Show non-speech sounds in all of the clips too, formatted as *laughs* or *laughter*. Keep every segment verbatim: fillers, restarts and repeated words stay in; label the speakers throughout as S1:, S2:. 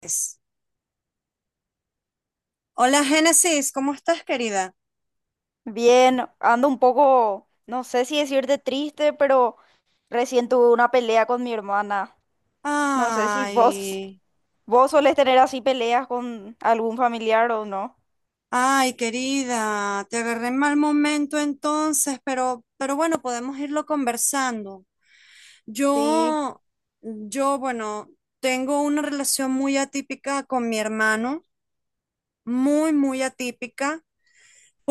S1: Es. Hola Génesis, ¿cómo estás, querida?
S2: Bien, ando un poco, no sé si decirte triste, pero recién tuve una pelea con mi hermana. No sé si vos,
S1: Ay,
S2: vos solés tener así peleas con algún familiar o no.
S1: ay, querida, te agarré en mal momento entonces, pero, pero bueno, podemos irlo conversando.
S2: Sí,
S1: Yo, yo, bueno, tengo una relación muy atípica con mi hermano, muy, muy atípica,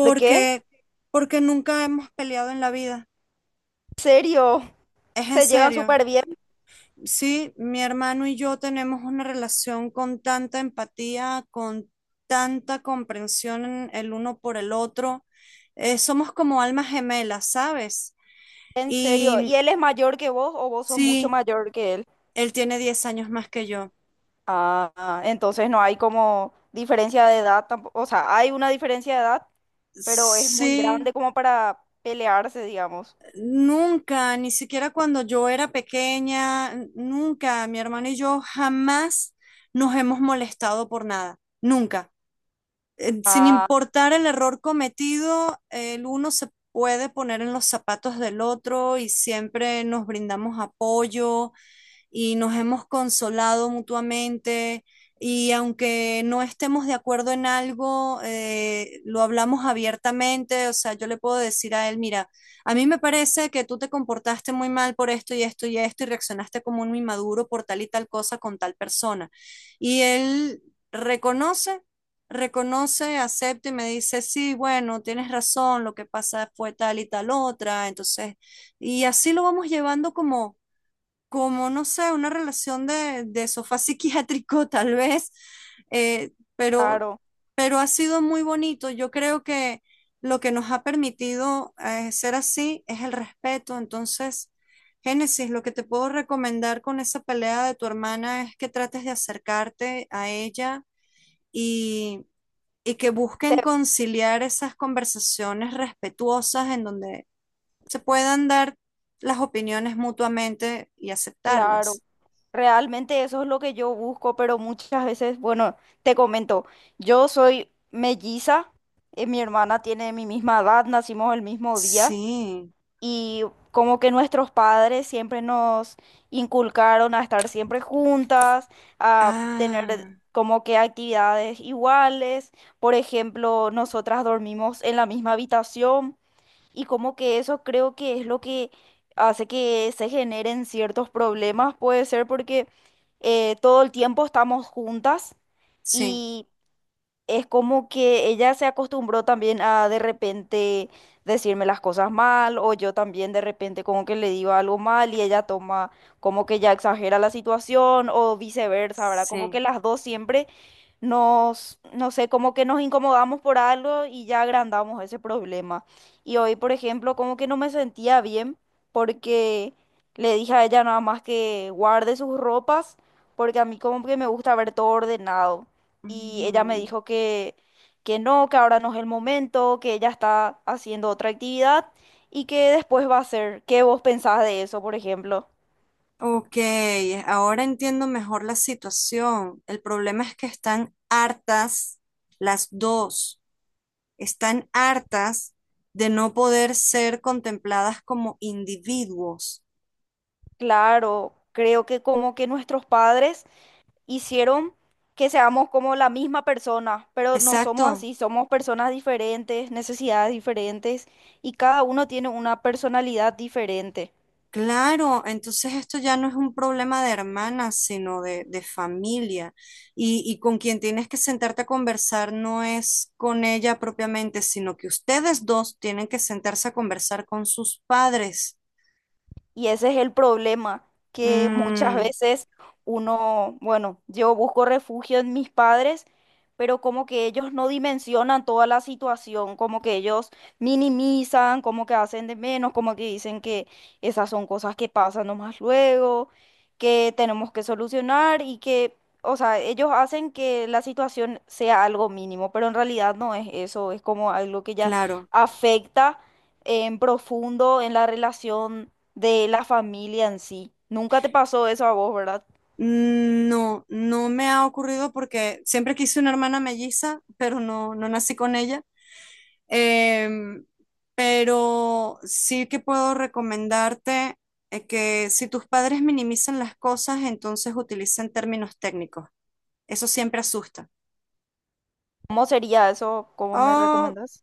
S2: ¿por qué?
S1: porque nunca hemos peleado en la vida.
S2: ¿En serio? *laughs*
S1: Es en
S2: Se llevan
S1: serio.
S2: súper bien,
S1: Sí, mi hermano y yo tenemos una relación con tanta empatía, con tanta comprensión en- el uno por el otro. Eh, somos como almas gemelas, ¿sabes?
S2: en serio. ¿Y
S1: Y
S2: él es mayor que vos o vos sos mucho
S1: sí,
S2: mayor que él?
S1: él tiene diez años más que yo.
S2: Ah, entonces no hay como diferencia de edad tampoco. O sea, hay una diferencia de edad, pero es muy
S1: Sí,
S2: grande como para pelearse, digamos.
S1: nunca, ni siquiera cuando yo era pequeña, n- nunca, mi hermano y yo jamás nos hemos molestado por nada, nunca. Eh, sin
S2: Ah,
S1: importar el error cometido, el uno se puede poner en los zapatos del otro y siempre nos brindamos apoyo, y nos hemos consolado mutuamente y aunque no estemos de acuerdo en algo, eh, lo hablamos abiertamente, o sea, yo le puedo decir a él, mira, a mí me parece que tú te comportaste muy mal por esto y esto y esto y reaccionaste como un inmaduro por tal y tal cosa con tal persona. Y él reconoce, reconoce, acepta y me dice, sí, bueno, tienes razón, lo que pasa fue tal y tal otra, entonces, y así lo vamos llevando como como, no sé, una relación de, de sofá psiquiátrico *laughs* tal vez, eh, pero,
S2: claro.
S1: pero ha sido muy bonito. Yo creo que lo que nos ha permitido eh, ser así es el respeto. Entonces, Génesis, lo que te puedo recomendar con esa pelea de tu hermana es que trates de acercarte a ella y, y que busquen
S2: Te-
S1: conciliar esas conversaciones respetuosas en donde se puedan dar las opiniones mutuamente y
S2: Claro.
S1: aceptarlas.
S2: Realmente eso es lo que yo busco, pero muchas veces, bueno, te comento, yo soy melliza, eh, mi hermana tiene mi misma edad, nacimos el mismo día
S1: Sí.
S2: y como que nuestros padres siempre nos inculcaron a estar siempre juntas, a tener
S1: Ah,
S2: como que actividades iguales, por ejemplo, nosotras dormimos en la misma habitación. Y como que eso creo que es lo que hace que se generen ciertos problemas, puede ser porque eh, todo el tiempo estamos juntas
S1: sí,
S2: y es como que ella se acostumbró también a de repente decirme las cosas mal o yo también de repente como que le digo algo mal y ella toma como que ya exagera la situación o viceversa, ¿verdad? Como
S1: sí.
S2: que las dos siempre nos, no sé, como que nos incomodamos por algo y ya agrandamos ese problema. Y hoy, por ejemplo, como que no me sentía bien porque le dije a ella nada más que guarde sus ropas porque a mí como que me gusta ver todo ordenado y ella me
S1: Ujú.
S2: dijo que, que no, que ahora no es el momento, que ella está haciendo otra actividad y que después va a hacer. ¿Qué vos pensás de eso, por ejemplo?
S1: Ok, eh, ahora entiendo mejor la situación. El problema es que están hartas las dos. Están hartas de no poder ser contempladas como individuos.
S2: Claro, creo que como que nuestros padres hicieron que seamos como la misma persona, pero no somos
S1: Exacto.
S2: así, somos personas diferentes, necesidades diferentes y cada uno tiene una personalidad diferente.
S1: Claro, entonces esto ya no es un problema de hermanas, sino de, de familia. Y, y con quien tienes que sentarte a conversar no es con ella propiamente, sino que ustedes dos tienen que sentarse a conversar con sus padres.
S2: Y ese es el problema, que muchas
S1: Mm,
S2: veces uno, bueno, yo busco refugio en mis padres, pero como que ellos no dimensionan toda la situación, como que ellos minimizan, como que hacen de menos, como que dicen que esas son cosas que pasan nomás luego, que tenemos que solucionar y que, o sea, ellos hacen que la situación sea algo mínimo, pero en realidad no es eso, es como algo que ya
S1: claro.
S2: afecta en profundo en la relación de la familia en sí. Nunca te pasó eso a vos, ¿verdad?
S1: Mm, No, no me ha ocurrido porque siempre quise una hermana melliza, pero no, no nací con ella. Em, pero sí que puedo recomendarte eh, que si tus padres minimizan las cosas, entonces utilicen términos técnicos. Eso siempre asusta.
S2: ¿Cómo sería eso? ¿Cómo me
S1: Oh,
S2: recomendás?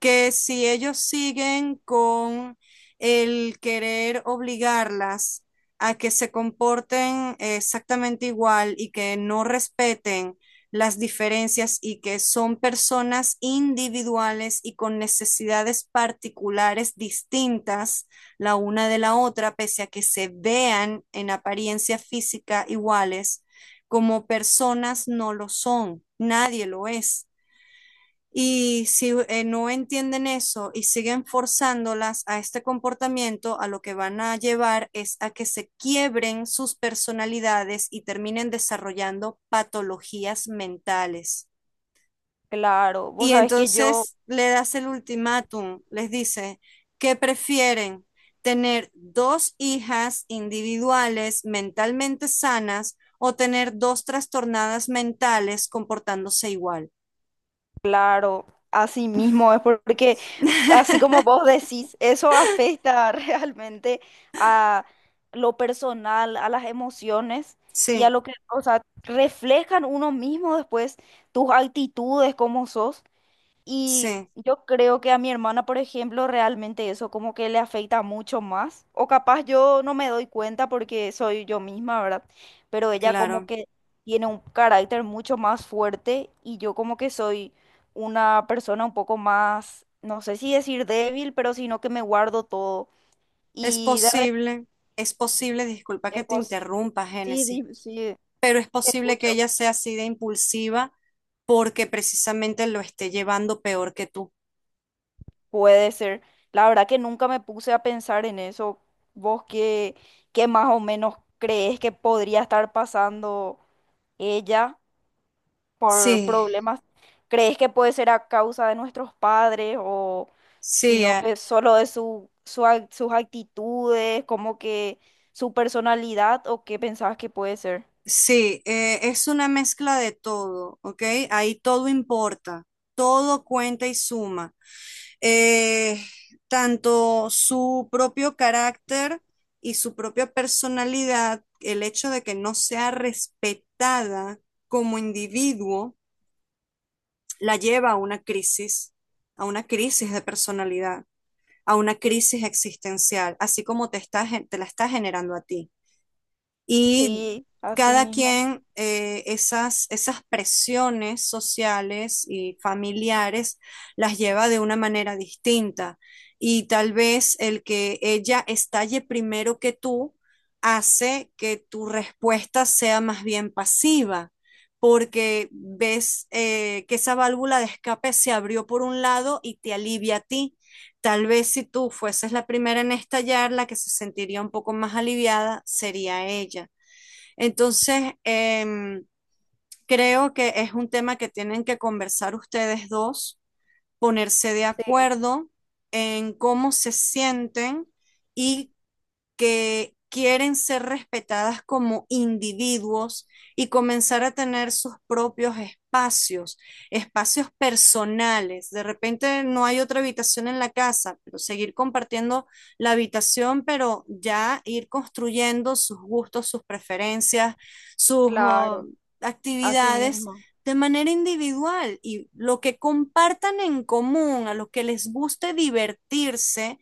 S1: que si ellos siguen con el querer obligarlas a que se comporten exactamente igual y que no respeten las diferencias y que son personas individuales y con necesidades particulares distintas la una de la otra, pese a que se vean en apariencia física iguales, como personas no lo son, nadie lo es. Y si eh, no entienden eso y siguen forzándolas a este comportamiento, a lo que van a llevar es a que se quiebren sus personalidades y terminen desarrollando patologías mentales.
S2: Claro, vos
S1: Y
S2: sabés que yo,
S1: entonces le das el ultimátum, les dice, ¿qué prefieren? ¿Tener dos hijas individuales mentalmente sanas o tener dos trastornadas mentales comportándose igual?
S2: claro, así mismo es porque, así
S1: *laughs*
S2: como vos decís, eso afecta *laughs* realmente a lo personal, a las emociones y a
S1: Sí,
S2: lo que, o sea, reflejan uno mismo después tus actitudes, cómo sos. Y
S1: sí,
S2: yo creo que a mi hermana, por ejemplo, realmente eso como que le afecta mucho más. O capaz yo no me doy cuenta porque soy yo misma, ¿verdad? Pero ella como
S1: claro.
S2: que tiene un carácter mucho más fuerte y yo como que soy una persona un poco más, no sé si decir débil, pero sino que me guardo todo.
S1: Es
S2: Y de
S1: posible, es posible, disculpa que
S2: repente,
S1: te
S2: pues,
S1: interrumpa,
S2: sí,
S1: Génesis,
S2: di- sí,
S1: pero es
S2: te
S1: posible que
S2: escucho.
S1: ella sea así de impulsiva porque precisamente lo esté llevando peor que tú.
S2: Puede ser. La verdad que nunca me puse a pensar en eso. ¿Vos qué, qué más o menos crees que podría estar pasando ella por
S1: Sí,
S2: problemas? ¿Crees que puede ser a causa de nuestros padres o
S1: sí,
S2: sino
S1: eh,
S2: que solo de su, su ac- sus actitudes, como que su personalidad o qué pensabas que puede ser?
S1: sí, eh, es una mezcla de todo, ¿ok? Ahí todo importa, todo cuenta y suma. Eh, Tanto su propio carácter y su propia personalidad, el hecho de que no sea respetada como individuo, la lleva a una crisis, a una crisis de personalidad, a una crisis existencial, así como te está, gen- te la está generando a ti y
S2: Sí, así
S1: cada
S2: mismo.
S1: quien eh, esas, esas presiones sociales y familiares las lleva de una manera distinta. Y tal vez el que ella estalle primero que tú hace que tu respuesta sea más bien pasiva, porque ves eh, que esa válvula de escape se abrió por un lado y te alivia a ti. Tal vez si tú fueses la primera en estallar, la que se sentiría un poco más aliviada sería ella. Entonces, em, creo que es un tema que tienen que conversar ustedes dos, ponerse de
S2: Sí,
S1: acuerdo en cómo se sienten y que quieren ser respetadas como individuos y comenzar a tener sus propios espacios, espacios personales. De repente no hay otra habitación en la casa, pero seguir compartiendo la habitación, pero ya ir construyendo sus gustos, sus preferencias, sus uh,
S2: claro, así
S1: actividades
S2: mismo.
S1: de manera individual y lo que compartan en común, a lo que les guste divertirse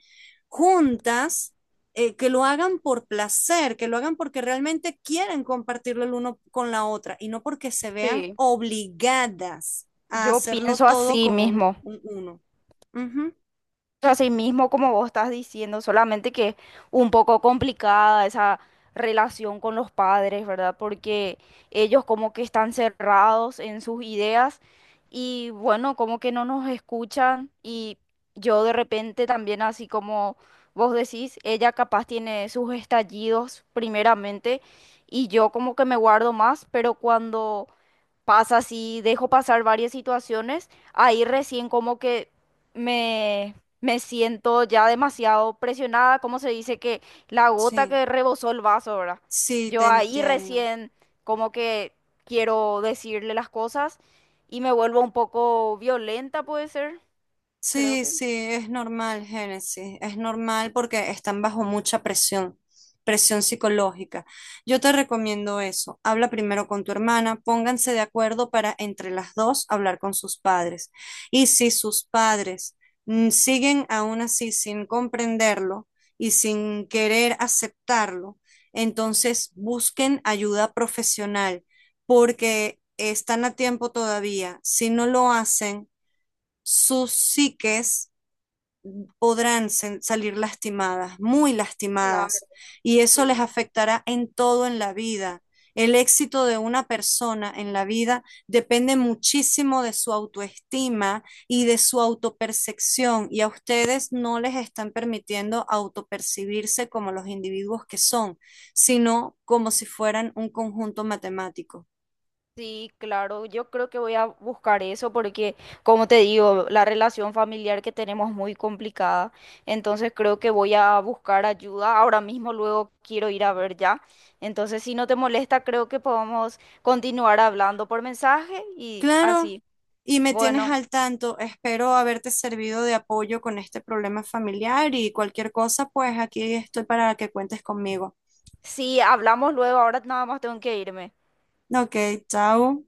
S1: juntas eh, que lo hagan por placer, que lo hagan porque realmente quieren compartirlo el uno con la otra y no porque se vean
S2: Sí,
S1: obligadas a
S2: yo
S1: hacerlo
S2: pienso
S1: todo
S2: así
S1: como un,
S2: mismo.
S1: un uno. Uh -huh.
S2: Así mismo, como vos estás diciendo, solamente que es un poco complicada esa relación con los padres, ¿verdad? Porque ellos como que están cerrados en sus ideas y bueno, como que no nos escuchan y yo de repente también, así como vos decís, ella capaz tiene sus estallidos primeramente y yo como que me guardo más, pero cuando pasa así, dejo pasar varias situaciones, ahí recién como que me, me siento ya demasiado presionada, como se dice que la gota
S1: Sí,
S2: que rebosó el vaso, ¿verdad?
S1: sí,
S2: Yo
S1: te
S2: ahí
S1: entiendo.
S2: recién como que quiero decirle las cosas y me vuelvo un poco violenta, puede ser, creo
S1: Sí,
S2: que.
S1: sí, es normal, Génesis, es normal porque están bajo mucha presión, presión psicológica. Yo te recomiendo eso. Habla primero con tu hermana, pónganse de acuerdo para entre las dos hablar con sus padres. Y si sus padres mm, siguen aún así sin comprenderlo y sin querer aceptarlo, entonces busquen ayuda profesional porque están a tiempo todavía. Si no lo hacen sus psiques podrán salir lastimadas, muy
S2: Claro,
S1: lastimadas, y eso les
S2: sí.
S1: afectará en todo en la vida. El éxito de una persona en la vida depende muchísimo de su autoestima y de su autopercepción, y a ustedes no les están permitiendo autopercibirse como los individuos que son, sino como si fueran un conjunto matemático.
S2: Sí, claro, yo creo que voy a buscar eso porque, como te digo, la relación familiar que tenemos es muy complicada, entonces creo que voy a buscar ayuda. Ahora mismo luego quiero ir a ver ya. Entonces, si no te molesta, creo que podemos continuar hablando por mensaje y
S1: Claro,
S2: así.
S1: y me tienes
S2: Bueno,
S1: al tanto. Espero haberte servido de apoyo con este problema familiar y cualquier cosa, pues aquí estoy para que cuentes conmigo.
S2: sí, hablamos luego, ahora nada más tengo que irme.
S1: Ok, chao.